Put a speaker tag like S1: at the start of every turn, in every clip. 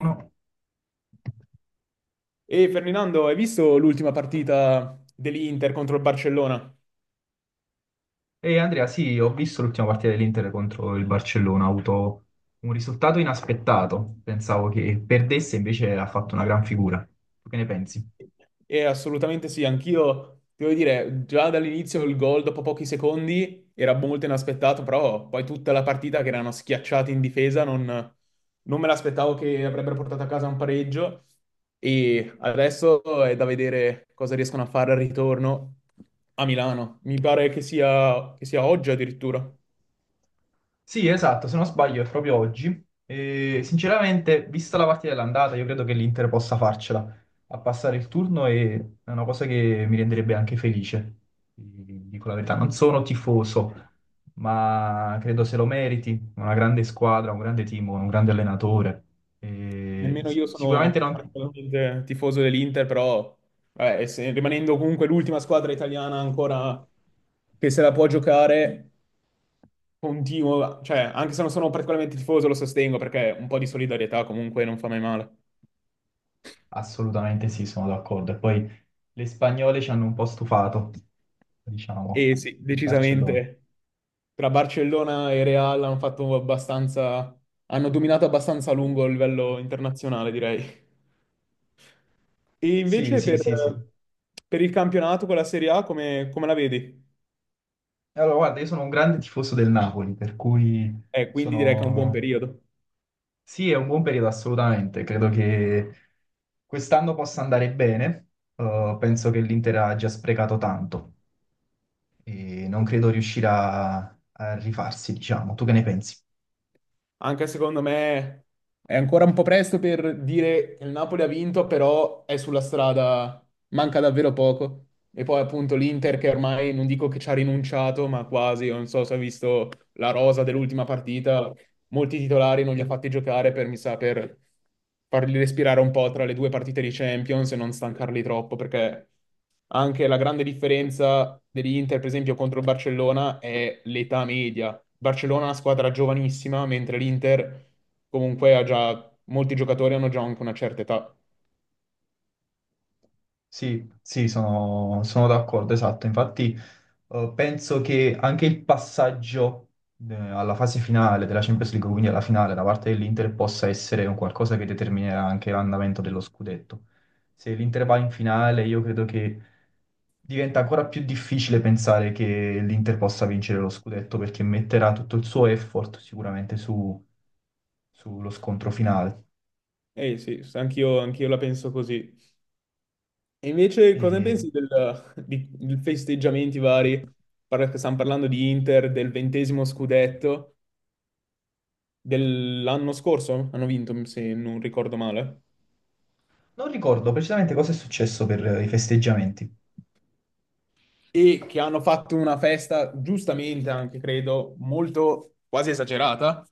S1: No.
S2: E Ferdinando, hai visto l'ultima partita dell'Inter contro il Barcellona?
S1: E Andrea, sì, ho visto l'ultima partita dell'Inter contro il Barcellona, ha avuto un risultato inaspettato. Pensavo che perdesse, invece ha fatto una gran figura. Tu che ne pensi?
S2: E assolutamente sì, anch'io, ti devo dire, già dall'inizio il gol dopo pochi secondi era molto inaspettato, però poi tutta la partita che erano schiacciati in difesa non me l'aspettavo che avrebbero portato a casa un pareggio e adesso è da vedere cosa riescono a fare al ritorno a Milano. Mi pare che sia oggi addirittura.
S1: Sì, esatto, se non sbaglio è proprio oggi. E, sinceramente, vista la partita dell'andata, io credo che l'Inter possa farcela a passare il turno e è una cosa che mi renderebbe anche felice, ti dico la verità. Non sono tifoso, ma credo se lo meriti. Una grande squadra, un grande team, un grande allenatore. E
S2: Nemmeno io
S1: sicuramente
S2: sono
S1: non...
S2: particolarmente tifoso dell'Inter, però vabbè, rimanendo comunque l'ultima squadra italiana ancora che se la può giocare, continuo, cioè anche se non sono particolarmente tifoso lo sostengo perché un po' di solidarietà comunque non fa mai male.
S1: Assolutamente sì, sono d'accordo. E poi le spagnole ci hanno un po' stufato, diciamo,
S2: E sì,
S1: il Barcellona.
S2: decisamente tra Barcellona e Real hanno fatto abbastanza, hanno dominato abbastanza a lungo a livello internazionale, direi. E
S1: Sì,
S2: invece
S1: sì, sì, sì.
S2: per il campionato con la Serie A come la vedi?
S1: Allora, guarda, io sono un grande tifoso del Napoli, per cui
S2: E quindi direi che è un buon No.
S1: sono...
S2: periodo.
S1: Sì, è un buon periodo assolutamente, credo che quest'anno possa andare bene. Penso che l'Inter ha già sprecato tanto e non credo riuscirà a rifarsi, diciamo. Tu che ne pensi?
S2: Anche secondo me è ancora un po' presto per dire che il Napoli ha vinto, però è sulla strada, manca davvero poco. E poi appunto l'Inter che ormai non dico che ci ha rinunciato, ma quasi, non so se ha visto la rosa dell'ultima partita, molti titolari non li ha fatti giocare per, mi sa, per farli respirare un po' tra le due partite di Champions e non stancarli troppo, perché anche la grande differenza dell'Inter, per esempio, contro il Barcellona è l'età media. Il Barcellona è una squadra giovanissima, mentre l'Inter comunque ha già, molti giocatori hanno già anche una certa età.
S1: Sì, sì, sono d'accordo, esatto. Infatti penso che anche il passaggio alla fase finale della Champions League, quindi alla finale da parte dell'Inter, possa essere un qualcosa che determinerà anche l'andamento dello scudetto. Se l'Inter va in finale, io credo che diventa ancora più difficile pensare che l'Inter possa vincere lo scudetto perché metterà tutto il suo effort sicuramente sullo scontro finale.
S2: Eh sì, anch'io la penso così. E invece cosa ne
S1: E
S2: pensi di festeggiamenti vari? Stiamo parlando di Inter, del 20° scudetto. Dell'anno scorso hanno vinto, se non ricordo male,
S1: non ricordo precisamente cosa è successo per i festeggiamenti.
S2: e che hanno fatto una festa, giustamente anche credo, molto quasi esagerata.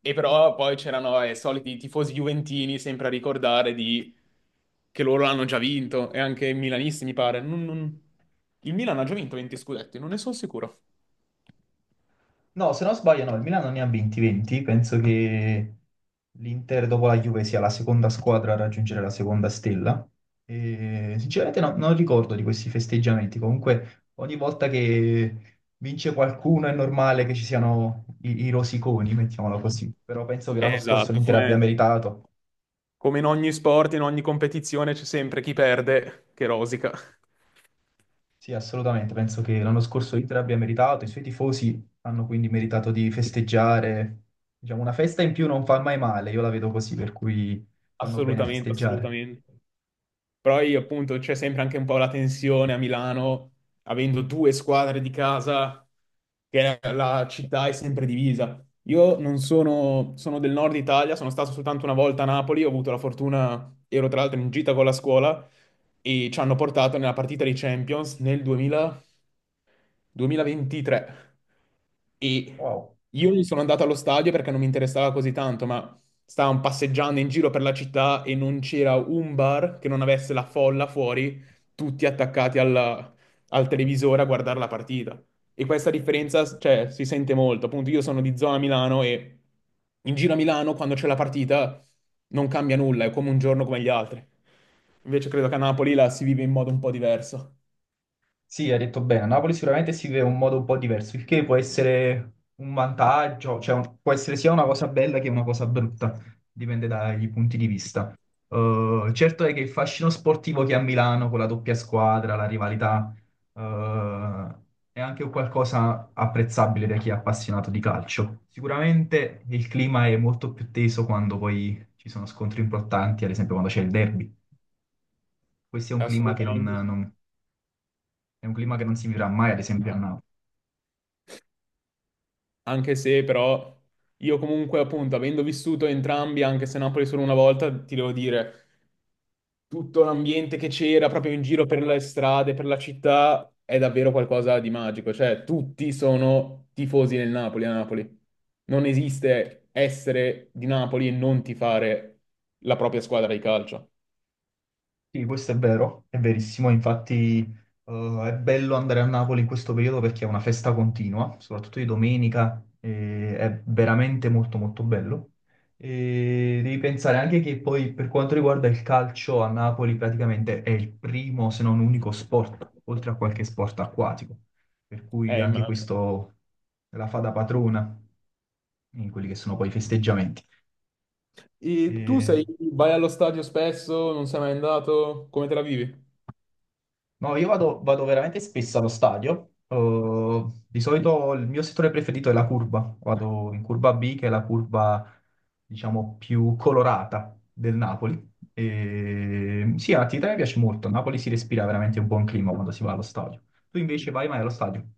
S2: E però poi c'erano i soliti tifosi juventini sempre a ricordare di... che loro l'hanno già vinto, e anche i milanisti, mi pare. Il Milan ha già vinto 20 scudetti, non ne sono sicuro.
S1: No, se non sbaglio, no, il Milano ne ha 20-20, penso che l'Inter dopo la Juve sia la seconda squadra a raggiungere la seconda stella. E, sinceramente non ricordo di questi festeggiamenti, comunque ogni volta che vince qualcuno è normale che ci siano i rosiconi, mettiamola così, però penso che l'anno scorso
S2: Esatto,
S1: l'Inter abbia
S2: come,
S1: meritato.
S2: come in ogni sport, in ogni competizione c'è sempre chi perde che rosica.
S1: Sì, assolutamente. Penso che l'anno scorso l'Inter abbia meritato, i suoi tifosi hanno quindi meritato di festeggiare. Diciamo, una festa in più non fa mai male, io la vedo così, per cui fanno bene a
S2: Assolutamente,
S1: festeggiare.
S2: assolutamente. Però io appunto c'è sempre anche un po' la tensione a Milano, avendo due squadre di casa, che la città è sempre divisa. Io non sono, sono del nord Italia, sono stato soltanto una volta a Napoli, ho avuto la fortuna, ero tra l'altro in gita con la scuola e ci hanno portato nella partita di Champions nel duemila 2023 e
S1: Wow.
S2: io non sono andato allo stadio perché non mi interessava così tanto, ma stavamo passeggiando in giro per la città e non c'era un bar che non avesse la folla fuori, tutti al televisore a guardare la partita. E questa differenza, cioè, si sente molto. Appunto, io sono di zona Milano e in giro a Milano, quando c'è la partita, non cambia nulla, è come un giorno come gli altri. Invece credo che a Napoli la si vive in modo un po' diverso.
S1: Sì, hai detto bene, a Napoli sicuramente si vive in un modo un po' diverso, il che può essere un vantaggio, cioè può essere sia una cosa bella che una cosa brutta, dipende dai punti di vista. Certo è che il fascino sportivo che ha Milano con la doppia squadra, la rivalità, eh, è anche un qualcosa apprezzabile da chi è appassionato di calcio. Sicuramente il clima è molto più teso quando poi ci sono scontri importanti, ad esempio quando c'è il derby. Questo è un clima che
S2: Assolutamente.
S1: è un clima che non si vivrà mai, ad esempio, a Napoli.
S2: Anche se però io comunque appunto avendo vissuto entrambi, anche se Napoli solo una volta, ti devo dire, tutto l'ambiente che c'era proprio in giro per le strade, per la città, è davvero qualcosa di magico. Cioè tutti sono tifosi del Napoli a Napoli. Non esiste essere di Napoli e non tifare la propria squadra di calcio.
S1: Sì, questo è vero, è verissimo, infatti è bello andare a Napoli in questo periodo perché è una festa continua, soprattutto di domenica, e è veramente molto molto bello. E devi pensare anche che poi per quanto riguarda il calcio a Napoli praticamente è il primo se non unico sport, oltre a qualche sport acquatico, per cui anche
S2: Immagino.
S1: questo la fa da padrona in quelli che sono poi i festeggiamenti.
S2: E tu
S1: E
S2: sei, vai allo stadio spesso, non sei mai andato, come te la vivi?
S1: no, io vado veramente spesso allo stadio. Di solito il mio settore preferito è la curva. Vado in curva B, che è la curva, diciamo, più colorata del Napoli. E... sì, è un'attività che mi piace molto. A Napoli si respira veramente un buon clima quando si va allo stadio. Tu invece vai mai allo stadio?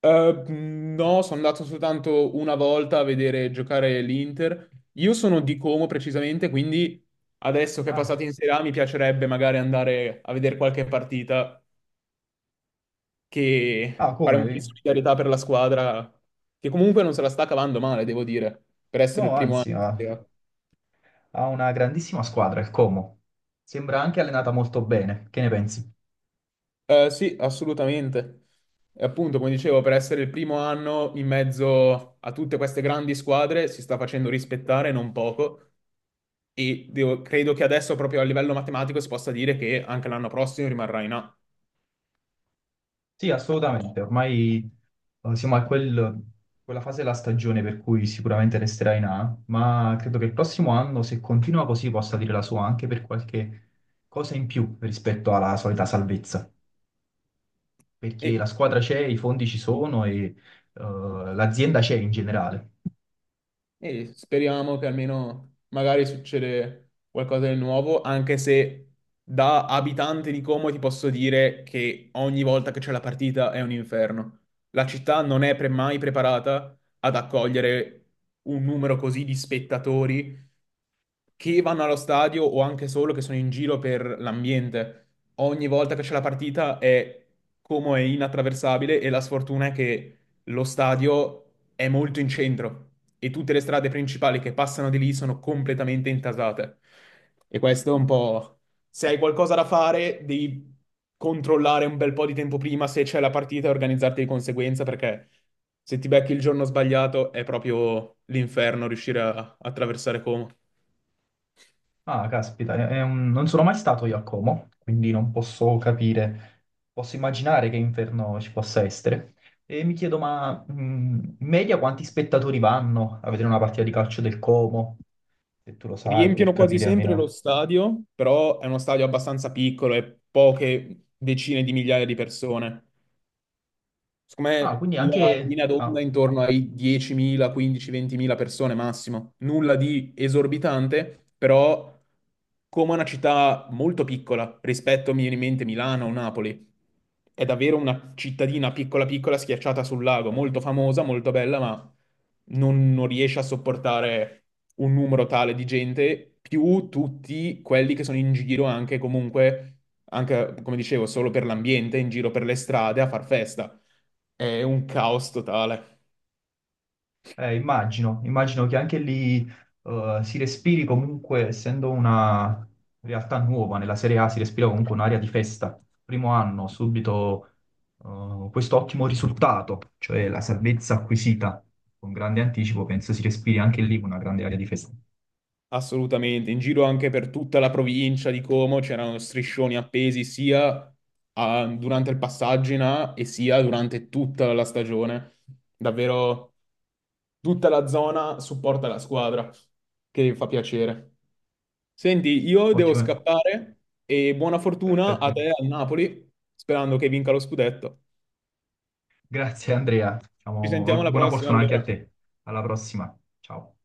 S2: No, sono andato soltanto una volta a vedere giocare l'Inter. Io sono di Como precisamente, quindi adesso che è
S1: Ah.
S2: passato in Serie A mi piacerebbe magari andare a vedere qualche partita che
S1: Ah,
S2: fare un po' di
S1: come?
S2: solidarietà per la squadra, che comunque non se la sta cavando male, devo dire, per essere il
S1: No,
S2: primo anno
S1: anzi,
S2: in Serie
S1: ha
S2: A.
S1: ha una grandissima squadra, il Como. Sembra anche allenata molto bene. Che ne pensi?
S2: Sì, assolutamente. E appunto, come dicevo, per essere il primo anno in mezzo a tutte queste grandi squadre si sta facendo rispettare non poco. E credo che adesso, proprio a livello matematico, si possa dire che anche l'anno prossimo rimarrà in A.
S1: Sì, assolutamente. Ormai siamo a quella fase della stagione per cui sicuramente resterà in A, ma credo che il prossimo anno, se continua così, possa dire la sua anche per qualche cosa in più rispetto alla solita salvezza, perché la
S2: E
S1: squadra c'è, i fondi ci sono e eh, l'azienda c'è in generale.
S2: E speriamo che almeno magari succede qualcosa di nuovo, anche se da abitante di Como ti posso dire che ogni volta che c'è la partita è un inferno. La città non è pre- mai preparata ad accogliere un numero così di spettatori che vanno allo stadio o anche solo che sono in giro per l'ambiente. Ogni volta che c'è la partita è come è inattraversabile e la sfortuna è che lo stadio è molto in centro e tutte le strade principali che passano di lì sono completamente intasate. E questo è un po'... Se hai qualcosa da fare, devi controllare un bel po' di tempo prima se c'è la partita e organizzarti di conseguenza perché... Se ti becchi il giorno sbagliato è proprio l'inferno riuscire a attraversare Como.
S1: Ah, caspita, non sono mai stato io a Como, quindi non posso capire, posso immaginare che inferno ci possa essere. E mi chiedo, ma in media quanti spettatori vanno a vedere una partita di calcio del Como, se tu lo sai, per
S2: Riempiono quasi
S1: capire
S2: sempre lo
S1: almeno.
S2: stadio, però è uno stadio abbastanza piccolo e poche decine di migliaia di persone. Secondo
S1: Ah,
S2: me
S1: quindi
S2: la
S1: anche,
S2: linea d'onda è intorno ai 10.000, 15, 20.000 persone massimo. Nulla di esorbitante, però come una città molto piccola rispetto, mi viene in mente, Milano o Napoli. È davvero una cittadina piccola piccola schiacciata sul lago, molto famosa, molto bella, ma non riesce a sopportare un numero tale di gente, più tutti quelli che sono in giro anche comunque, anche come dicevo, solo per l'ambiente, in giro per le strade a far festa. È un caos totale,
S1: immagino, che anche lì si respiri comunque, essendo una realtà nuova, nella Serie A si respira comunque un'area di festa. Primo anno, subito questo ottimo risultato, cioè la salvezza acquisita con grande anticipo, penso si respiri anche lì una grande area di festa.
S2: assolutamente. In giro anche per tutta la provincia di Como c'erano striscioni appesi sia durante il passaggio in A e sia durante tutta la stagione. Davvero tutta la zona supporta la squadra, che fa piacere. Senti, io devo
S1: Ottimo,
S2: scappare e buona fortuna a te
S1: perfetto.
S2: al Napoli, sperando che vinca lo scudetto.
S1: Grazie Andrea,
S2: Ci
S1: diciamo,
S2: sentiamo alla
S1: buona
S2: prossima
S1: fortuna anche a
S2: allora.
S1: te. Alla prossima, ciao.